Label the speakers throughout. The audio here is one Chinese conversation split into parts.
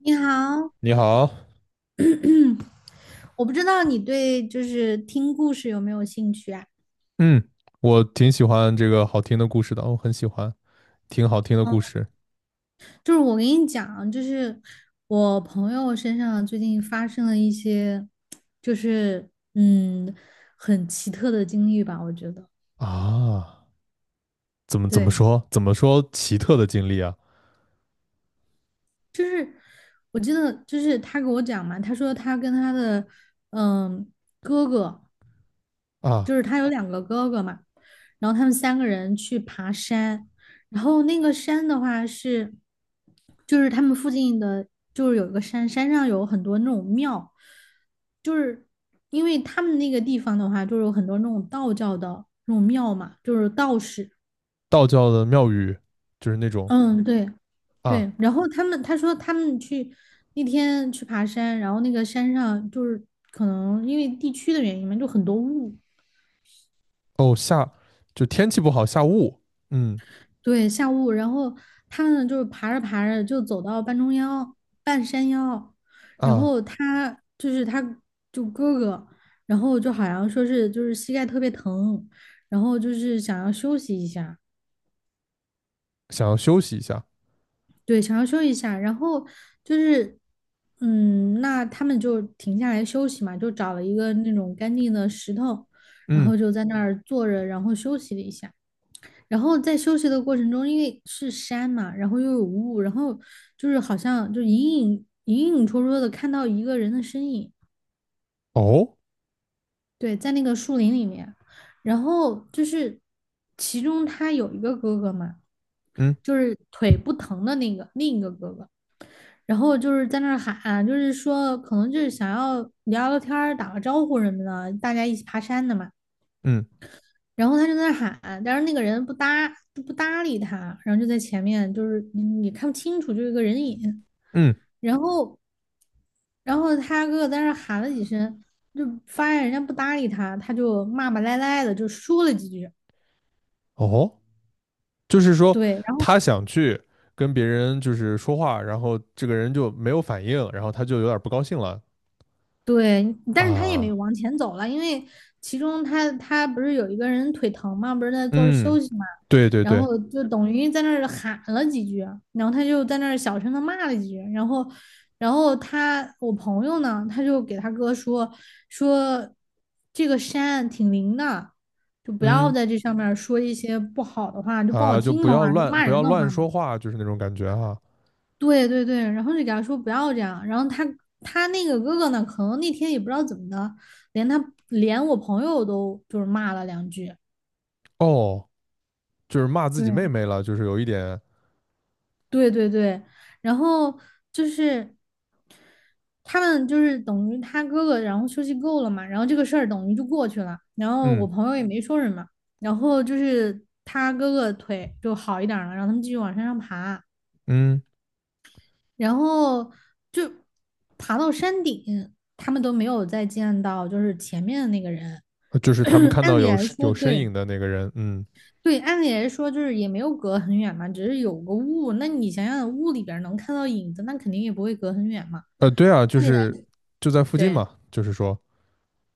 Speaker 1: 你好。
Speaker 2: 你好，
Speaker 1: 嗯，我不知道你对就是听故事有没有兴趣啊？
Speaker 2: 嗯，我挺喜欢这个好听的故事的，我很喜欢听好听的
Speaker 1: 嗯，
Speaker 2: 故事
Speaker 1: 就是我跟你讲，就是我朋友身上最近发生了一些，就是很奇特的经历吧，我觉得。
Speaker 2: 啊。怎么怎么
Speaker 1: 对，
Speaker 2: 说？怎么说奇特的经历啊？
Speaker 1: 是我记得就是他给我讲嘛，他说他跟他的嗯哥哥，
Speaker 2: 啊，
Speaker 1: 就是他有两个哥哥嘛，然后他们三个人去爬山，然后那个山的话是，就是他们附近的，就是有一个山，山上有很多那种庙，就是因为他们那个地方的话，就是有很多那种道教的那种庙嘛，就是道士，
Speaker 2: 道教的庙宇就是那种
Speaker 1: 嗯，对
Speaker 2: 啊，
Speaker 1: 对。然后他说他们去那天去爬山，然后那个山上就是可能因为地区的原因嘛，就很多雾。
Speaker 2: 哦就天气不好下雾，嗯
Speaker 1: 对，下雾，然后他呢，就是爬着爬着就走到半山腰，然
Speaker 2: 啊，
Speaker 1: 后他就哥哥，然后就好像说是就是膝盖特别疼，然后就是想要休息一下。
Speaker 2: 想要休息一下，
Speaker 1: 对，想要休息一下，然后就是那他们就停下来休息嘛，就找了一个那种干净的石头，然
Speaker 2: 嗯
Speaker 1: 后就在那儿坐着，然后休息了一下。然后在休息的过程中，因为是山嘛，然后又有雾，然后就是好像就隐隐绰绰的看到一个人的身影。
Speaker 2: 哦，
Speaker 1: 对，在那个树林里面。然后就是其中他有一个哥哥嘛，
Speaker 2: 嗯
Speaker 1: 就是腿不疼的那个另一个哥哥，然后就是在那儿喊，就是说可能就是想要聊聊天儿打个招呼什么的，大家一起爬山的嘛。
Speaker 2: 嗯
Speaker 1: 然后他就在那喊，但是那个人不搭理他，然后就在前面，就是你看不清楚，就是一个人影。
Speaker 2: 嗯
Speaker 1: 然后，然后他哥哥在那喊了几声，就发现人家不搭理他，他就骂骂咧咧的就说了几句。
Speaker 2: 哦，就是说
Speaker 1: 对，
Speaker 2: 他想去跟别人就是说话，然后这个人就没有反应，然后他就有点不高兴了
Speaker 1: 对，但是他也没
Speaker 2: 啊。
Speaker 1: 往前走了，因为其中他不是有一个人腿疼嘛，不是在坐着
Speaker 2: 嗯，
Speaker 1: 休息嘛，
Speaker 2: 对对
Speaker 1: 然
Speaker 2: 对，
Speaker 1: 后就等于在那儿喊了几句，然后他就在那儿小声的骂了几句，然后我朋友呢，他就给他哥说这个山挺灵的，就不要
Speaker 2: 嗯
Speaker 1: 在这上面儿说一些不好的话，就不好
Speaker 2: 啊，就
Speaker 1: 听
Speaker 2: 不
Speaker 1: 的
Speaker 2: 要
Speaker 1: 话，就
Speaker 2: 乱
Speaker 1: 骂
Speaker 2: 不
Speaker 1: 人
Speaker 2: 要
Speaker 1: 的
Speaker 2: 乱
Speaker 1: 话嘛。
Speaker 2: 说话，就是那种感觉哈。
Speaker 1: 对对对，然后就给他说不要这样，然后他那个哥哥呢，可能那天也不知道怎么的，连他连我朋友都就是骂了两句。
Speaker 2: 哦，就是骂自己妹
Speaker 1: 对
Speaker 2: 妹了，就是有一点，
Speaker 1: 对对对，然后就是他们就是等于他哥哥，然后休息够了嘛，然后这个事儿等于就过去了，然后我
Speaker 2: 嗯
Speaker 1: 朋友也没说什么，然后就是他哥哥腿就好一点儿了，让他们继续往山上爬，
Speaker 2: 嗯，
Speaker 1: 然后就爬到山顶。他们都没有再见到就是前面的那个人。
Speaker 2: 就是他们看
Speaker 1: 按
Speaker 2: 到
Speaker 1: 理
Speaker 2: 有
Speaker 1: 来说，
Speaker 2: 有身
Speaker 1: 对
Speaker 2: 影的那个人，嗯
Speaker 1: 对，按理来说就是也没有隔很远嘛，只是有个雾。那你想想，雾里边能看到影子，那肯定也不会隔很远嘛。
Speaker 2: 对啊，就
Speaker 1: 按理来，
Speaker 2: 是就在附近
Speaker 1: 对
Speaker 2: 嘛，就是说，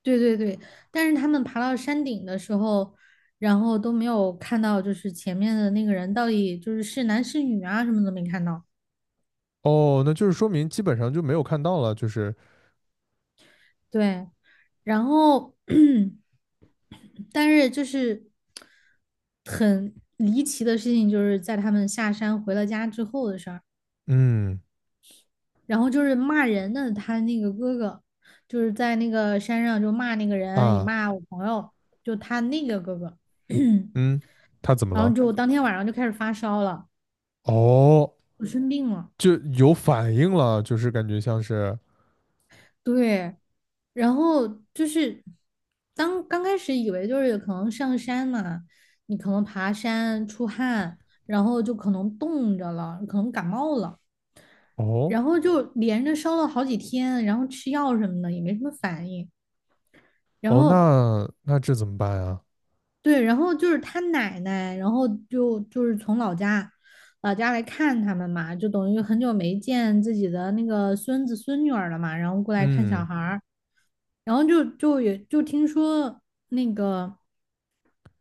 Speaker 1: 对对对。但是他们爬到山顶的时候，然后都没有看到，就是前面的那个人到底就是是男是女啊，什么都没看到。
Speaker 2: 哦，那就是说明基本上就没有看到了，就是
Speaker 1: 对，然后 但是就是很离奇的事情，就是在他们下山回了家之后的事儿。
Speaker 2: 嗯
Speaker 1: 然后就是骂人的他那个哥哥，就是在那个山上就骂那个人，也
Speaker 2: 啊
Speaker 1: 骂我朋友，就他那个哥哥，
Speaker 2: 嗯，他怎 么
Speaker 1: 然后
Speaker 2: 了？
Speaker 1: 就当天晚上就开始发烧了，
Speaker 2: 哦，
Speaker 1: 就生病了。
Speaker 2: 就有反应了，就是感觉像是，
Speaker 1: 对，然后就是当刚开始以为就是可能上山嘛，你可能爬山出汗，然后就可能冻着了，可能感冒了。
Speaker 2: 哦
Speaker 1: 然后就连着烧了好几天，然后吃药什么的也没什么反应。然
Speaker 2: 哦，
Speaker 1: 后
Speaker 2: 那这怎么办啊？
Speaker 1: 对，然后就是他奶奶，然后就是从老家来看他们嘛，就等于很久没见自己的那个孙子孙女儿了嘛，然后过来看小
Speaker 2: 嗯
Speaker 1: 孩儿，然后就也就听说那个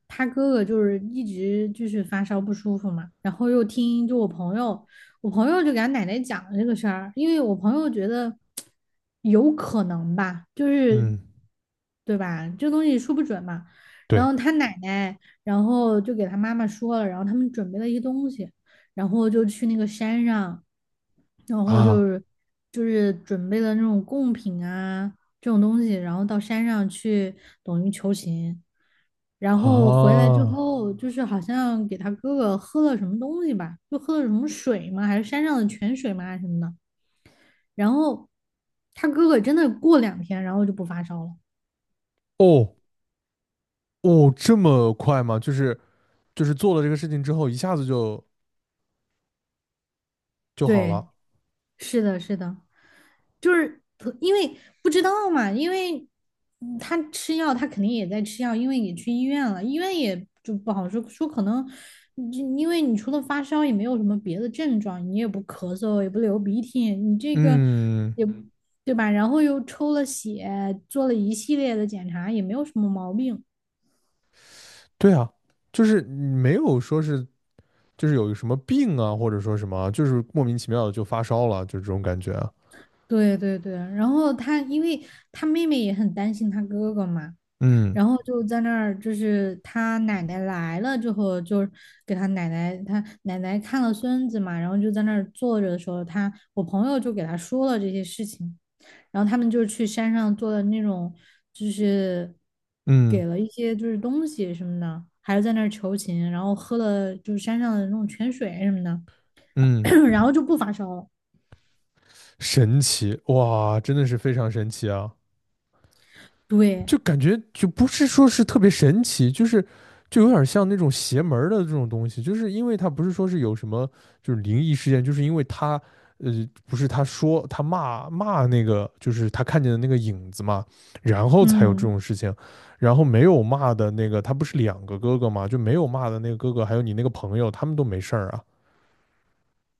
Speaker 1: 他哥哥就是一直就是发烧不舒服嘛，然后又听就我朋友，我朋友就给他奶奶讲了这个事儿，因为我朋友觉得有可能吧。就是
Speaker 2: 嗯。
Speaker 1: 对吧？这东西说不准嘛。然
Speaker 2: 对
Speaker 1: 后他奶奶，然后就给他妈妈说了，然后他们准备了一些东西，然后就去那个山上，然后就
Speaker 2: 啊
Speaker 1: 是就是准备了那种贡品啊这种东西，然后到山上去等于求情。然后回
Speaker 2: 啊
Speaker 1: 来之后，就是好像给他哥哥喝了什么东西吧，就喝了什么水嘛，还是山上的泉水嘛还是什么的？然后他哥哥真的过两天，然后就不发烧了。
Speaker 2: 哦哦，这么快吗？就是做了这个事情之后，一下子就好
Speaker 1: 对，
Speaker 2: 了。
Speaker 1: 是的，是的，就是特因为不知道嘛。因为他吃药，他肯定也在吃药，因为也去医院了，医院也就不好说，说可能因为你除了发烧也没有什么别的症状，你也不咳嗽，也不流鼻涕，你这个
Speaker 2: 嗯，
Speaker 1: 对吧？然后又抽了血，做了一系列的检查，也没有什么毛病。
Speaker 2: 对啊，就是没有说是就是有什么病啊，或者说什么啊，就是莫名其妙的就发烧了，就是这种感觉啊。
Speaker 1: 对对对，然后他因为他妹妹也很担心他哥哥嘛，
Speaker 2: 嗯
Speaker 1: 然后就在那儿，就是他奶奶来了之后，就给他奶奶，他奶奶看了孙子嘛，然后就在那儿坐着的时候，我朋友就给他说了这些事情。然后他们就是去山上做的那种，就是
Speaker 2: 嗯
Speaker 1: 给了一些就是东西什么的，还是在那儿求情，然后喝了就是山上的那种泉水什么的，
Speaker 2: 嗯，
Speaker 1: 然后就不发烧了。
Speaker 2: 神奇哇，真的是非常神奇啊。
Speaker 1: 对，
Speaker 2: 就感觉就不是说是特别神奇，就是就有点像那种邪门儿的这种东西，就是因为他不是说是有什么就是灵异事件，就是因为他呃不是他说他骂骂那个就是他看见的那个影子嘛，然后才有这
Speaker 1: 嗯，
Speaker 2: 种事情，然后没有骂的那个他不是两个哥哥嘛，就没有骂的那个哥哥还有你那个朋友他们都没事儿啊，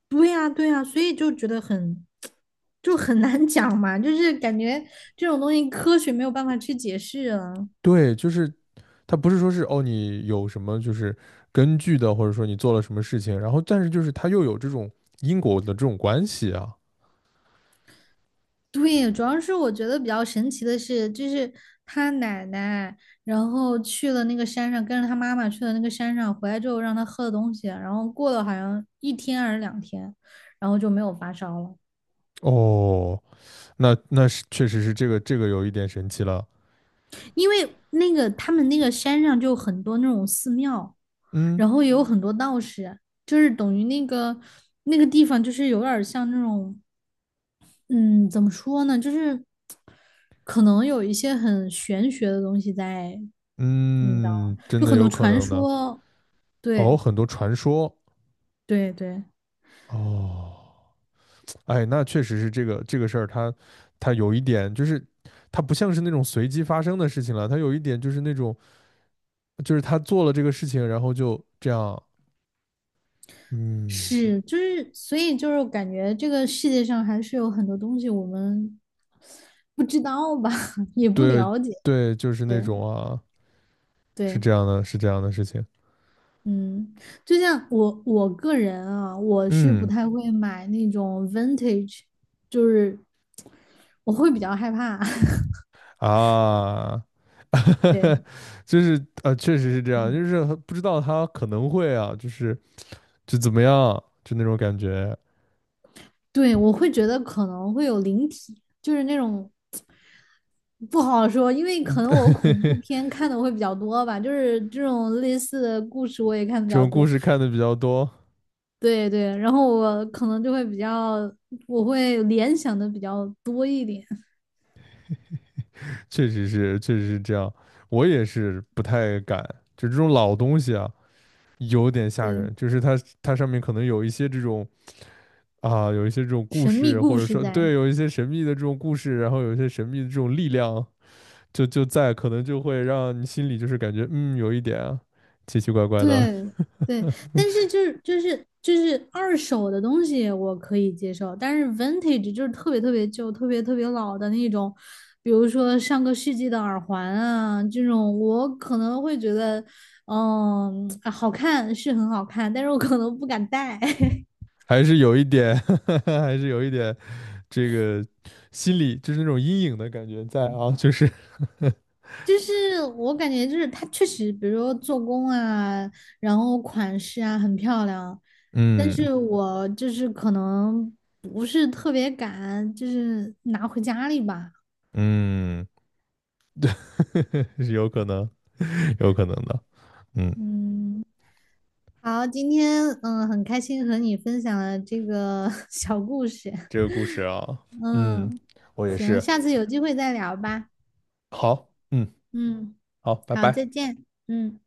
Speaker 1: 对呀，对呀，所以就觉得很难讲嘛，就是感觉这种东西科学没有办法去解释啊。
Speaker 2: 对，就是它不是说是哦，你有什么就是根据的，或者说你做了什么事情，然后但是就是它又有这种因果的这种关系啊。
Speaker 1: 对，主要是我觉得比较神奇的是，就是他奶奶，然后去了那个山上，跟着他妈妈去了那个山上，回来之后让他喝的东西，然后过了好像一天还是两天，然后就没有发烧了。
Speaker 2: 哦，那是确实是这个有一点神奇了。
Speaker 1: 因为那个他们那个山上就很多那种寺庙，
Speaker 2: 嗯
Speaker 1: 然后也有很多道士，就是等于那个地方就是有点儿像那种，嗯，怎么说呢，就是可能有一些很玄学的东西在
Speaker 2: 嗯，真
Speaker 1: 就
Speaker 2: 的
Speaker 1: 很多
Speaker 2: 有可
Speaker 1: 传
Speaker 2: 能呢，
Speaker 1: 说，对
Speaker 2: 哦，很多传说
Speaker 1: 对对，
Speaker 2: 哦，哎，那确实是这个事儿，它有一点就是它不像是那种随机发生的事情了，它有一点就是那种就是他做了这个事情，然后就这样，嗯。
Speaker 1: 是，就是所以就是感觉这个世界上还是有很多东西我们不知道吧，也不
Speaker 2: 对
Speaker 1: 了解。
Speaker 2: 对，就是那
Speaker 1: 对
Speaker 2: 种啊，是
Speaker 1: 对，
Speaker 2: 这样的，是这样的事情。
Speaker 1: 嗯，就像我个人啊，我是不
Speaker 2: 嗯
Speaker 1: 太会买那种 vintage，就是我会比较害怕。
Speaker 2: 啊，
Speaker 1: 对。
Speaker 2: 就是啊，确实是这样，就是不知道他可能会啊，就是就怎么样，就那种感觉。
Speaker 1: 对，我会觉得可能会有灵体，就是那种不好说，因为可能我恐怖片看的会比较多吧，就是这种类似的故事我也看的比
Speaker 2: 这
Speaker 1: 较
Speaker 2: 种故
Speaker 1: 多。
Speaker 2: 事看的比较多，
Speaker 1: 对对，然后我可能就会比较，我会联想的比较多一点。
Speaker 2: 确实是，确实是这样。我也是不太敢，就这种老东西啊，有点吓
Speaker 1: 对，
Speaker 2: 人。就是它上面可能有一些这种啊，有一些这种故
Speaker 1: 神秘
Speaker 2: 事，
Speaker 1: 故
Speaker 2: 或者
Speaker 1: 事
Speaker 2: 说
Speaker 1: 在。
Speaker 2: 对，有一些神秘的这种故事，然后有一些神秘的这种力量。就在，可能就会让你心里就是感觉，嗯，有一点啊奇奇怪怪的，
Speaker 1: 对 对，但是就是二手的东西我可以接受，但是 vintage 就是特别特别旧、特别特别老的那种，比如说上个世纪的耳环啊，这种我可能会觉得，好看是很好看，但是我可能不敢戴。
Speaker 2: 还是有一点，还是有一点这个心里就是那种阴影的感觉在啊，就是
Speaker 1: 就是我感觉就是它确实，比如说做工啊，然后款式啊很漂亮，但
Speaker 2: 嗯
Speaker 1: 是我就是可能不是特别敢，就是拿回家里吧。
Speaker 2: 嗯，是有可能，有可能的，嗯，
Speaker 1: 嗯，好，今天很开心和你分享了这个 小故事。
Speaker 2: 这个故事啊，嗯，
Speaker 1: 嗯，
Speaker 2: 我也
Speaker 1: 行，
Speaker 2: 是，
Speaker 1: 下次有机会再聊吧。
Speaker 2: 好，嗯，
Speaker 1: 嗯，
Speaker 2: 好，拜
Speaker 1: 好，再
Speaker 2: 拜。
Speaker 1: 见。嗯。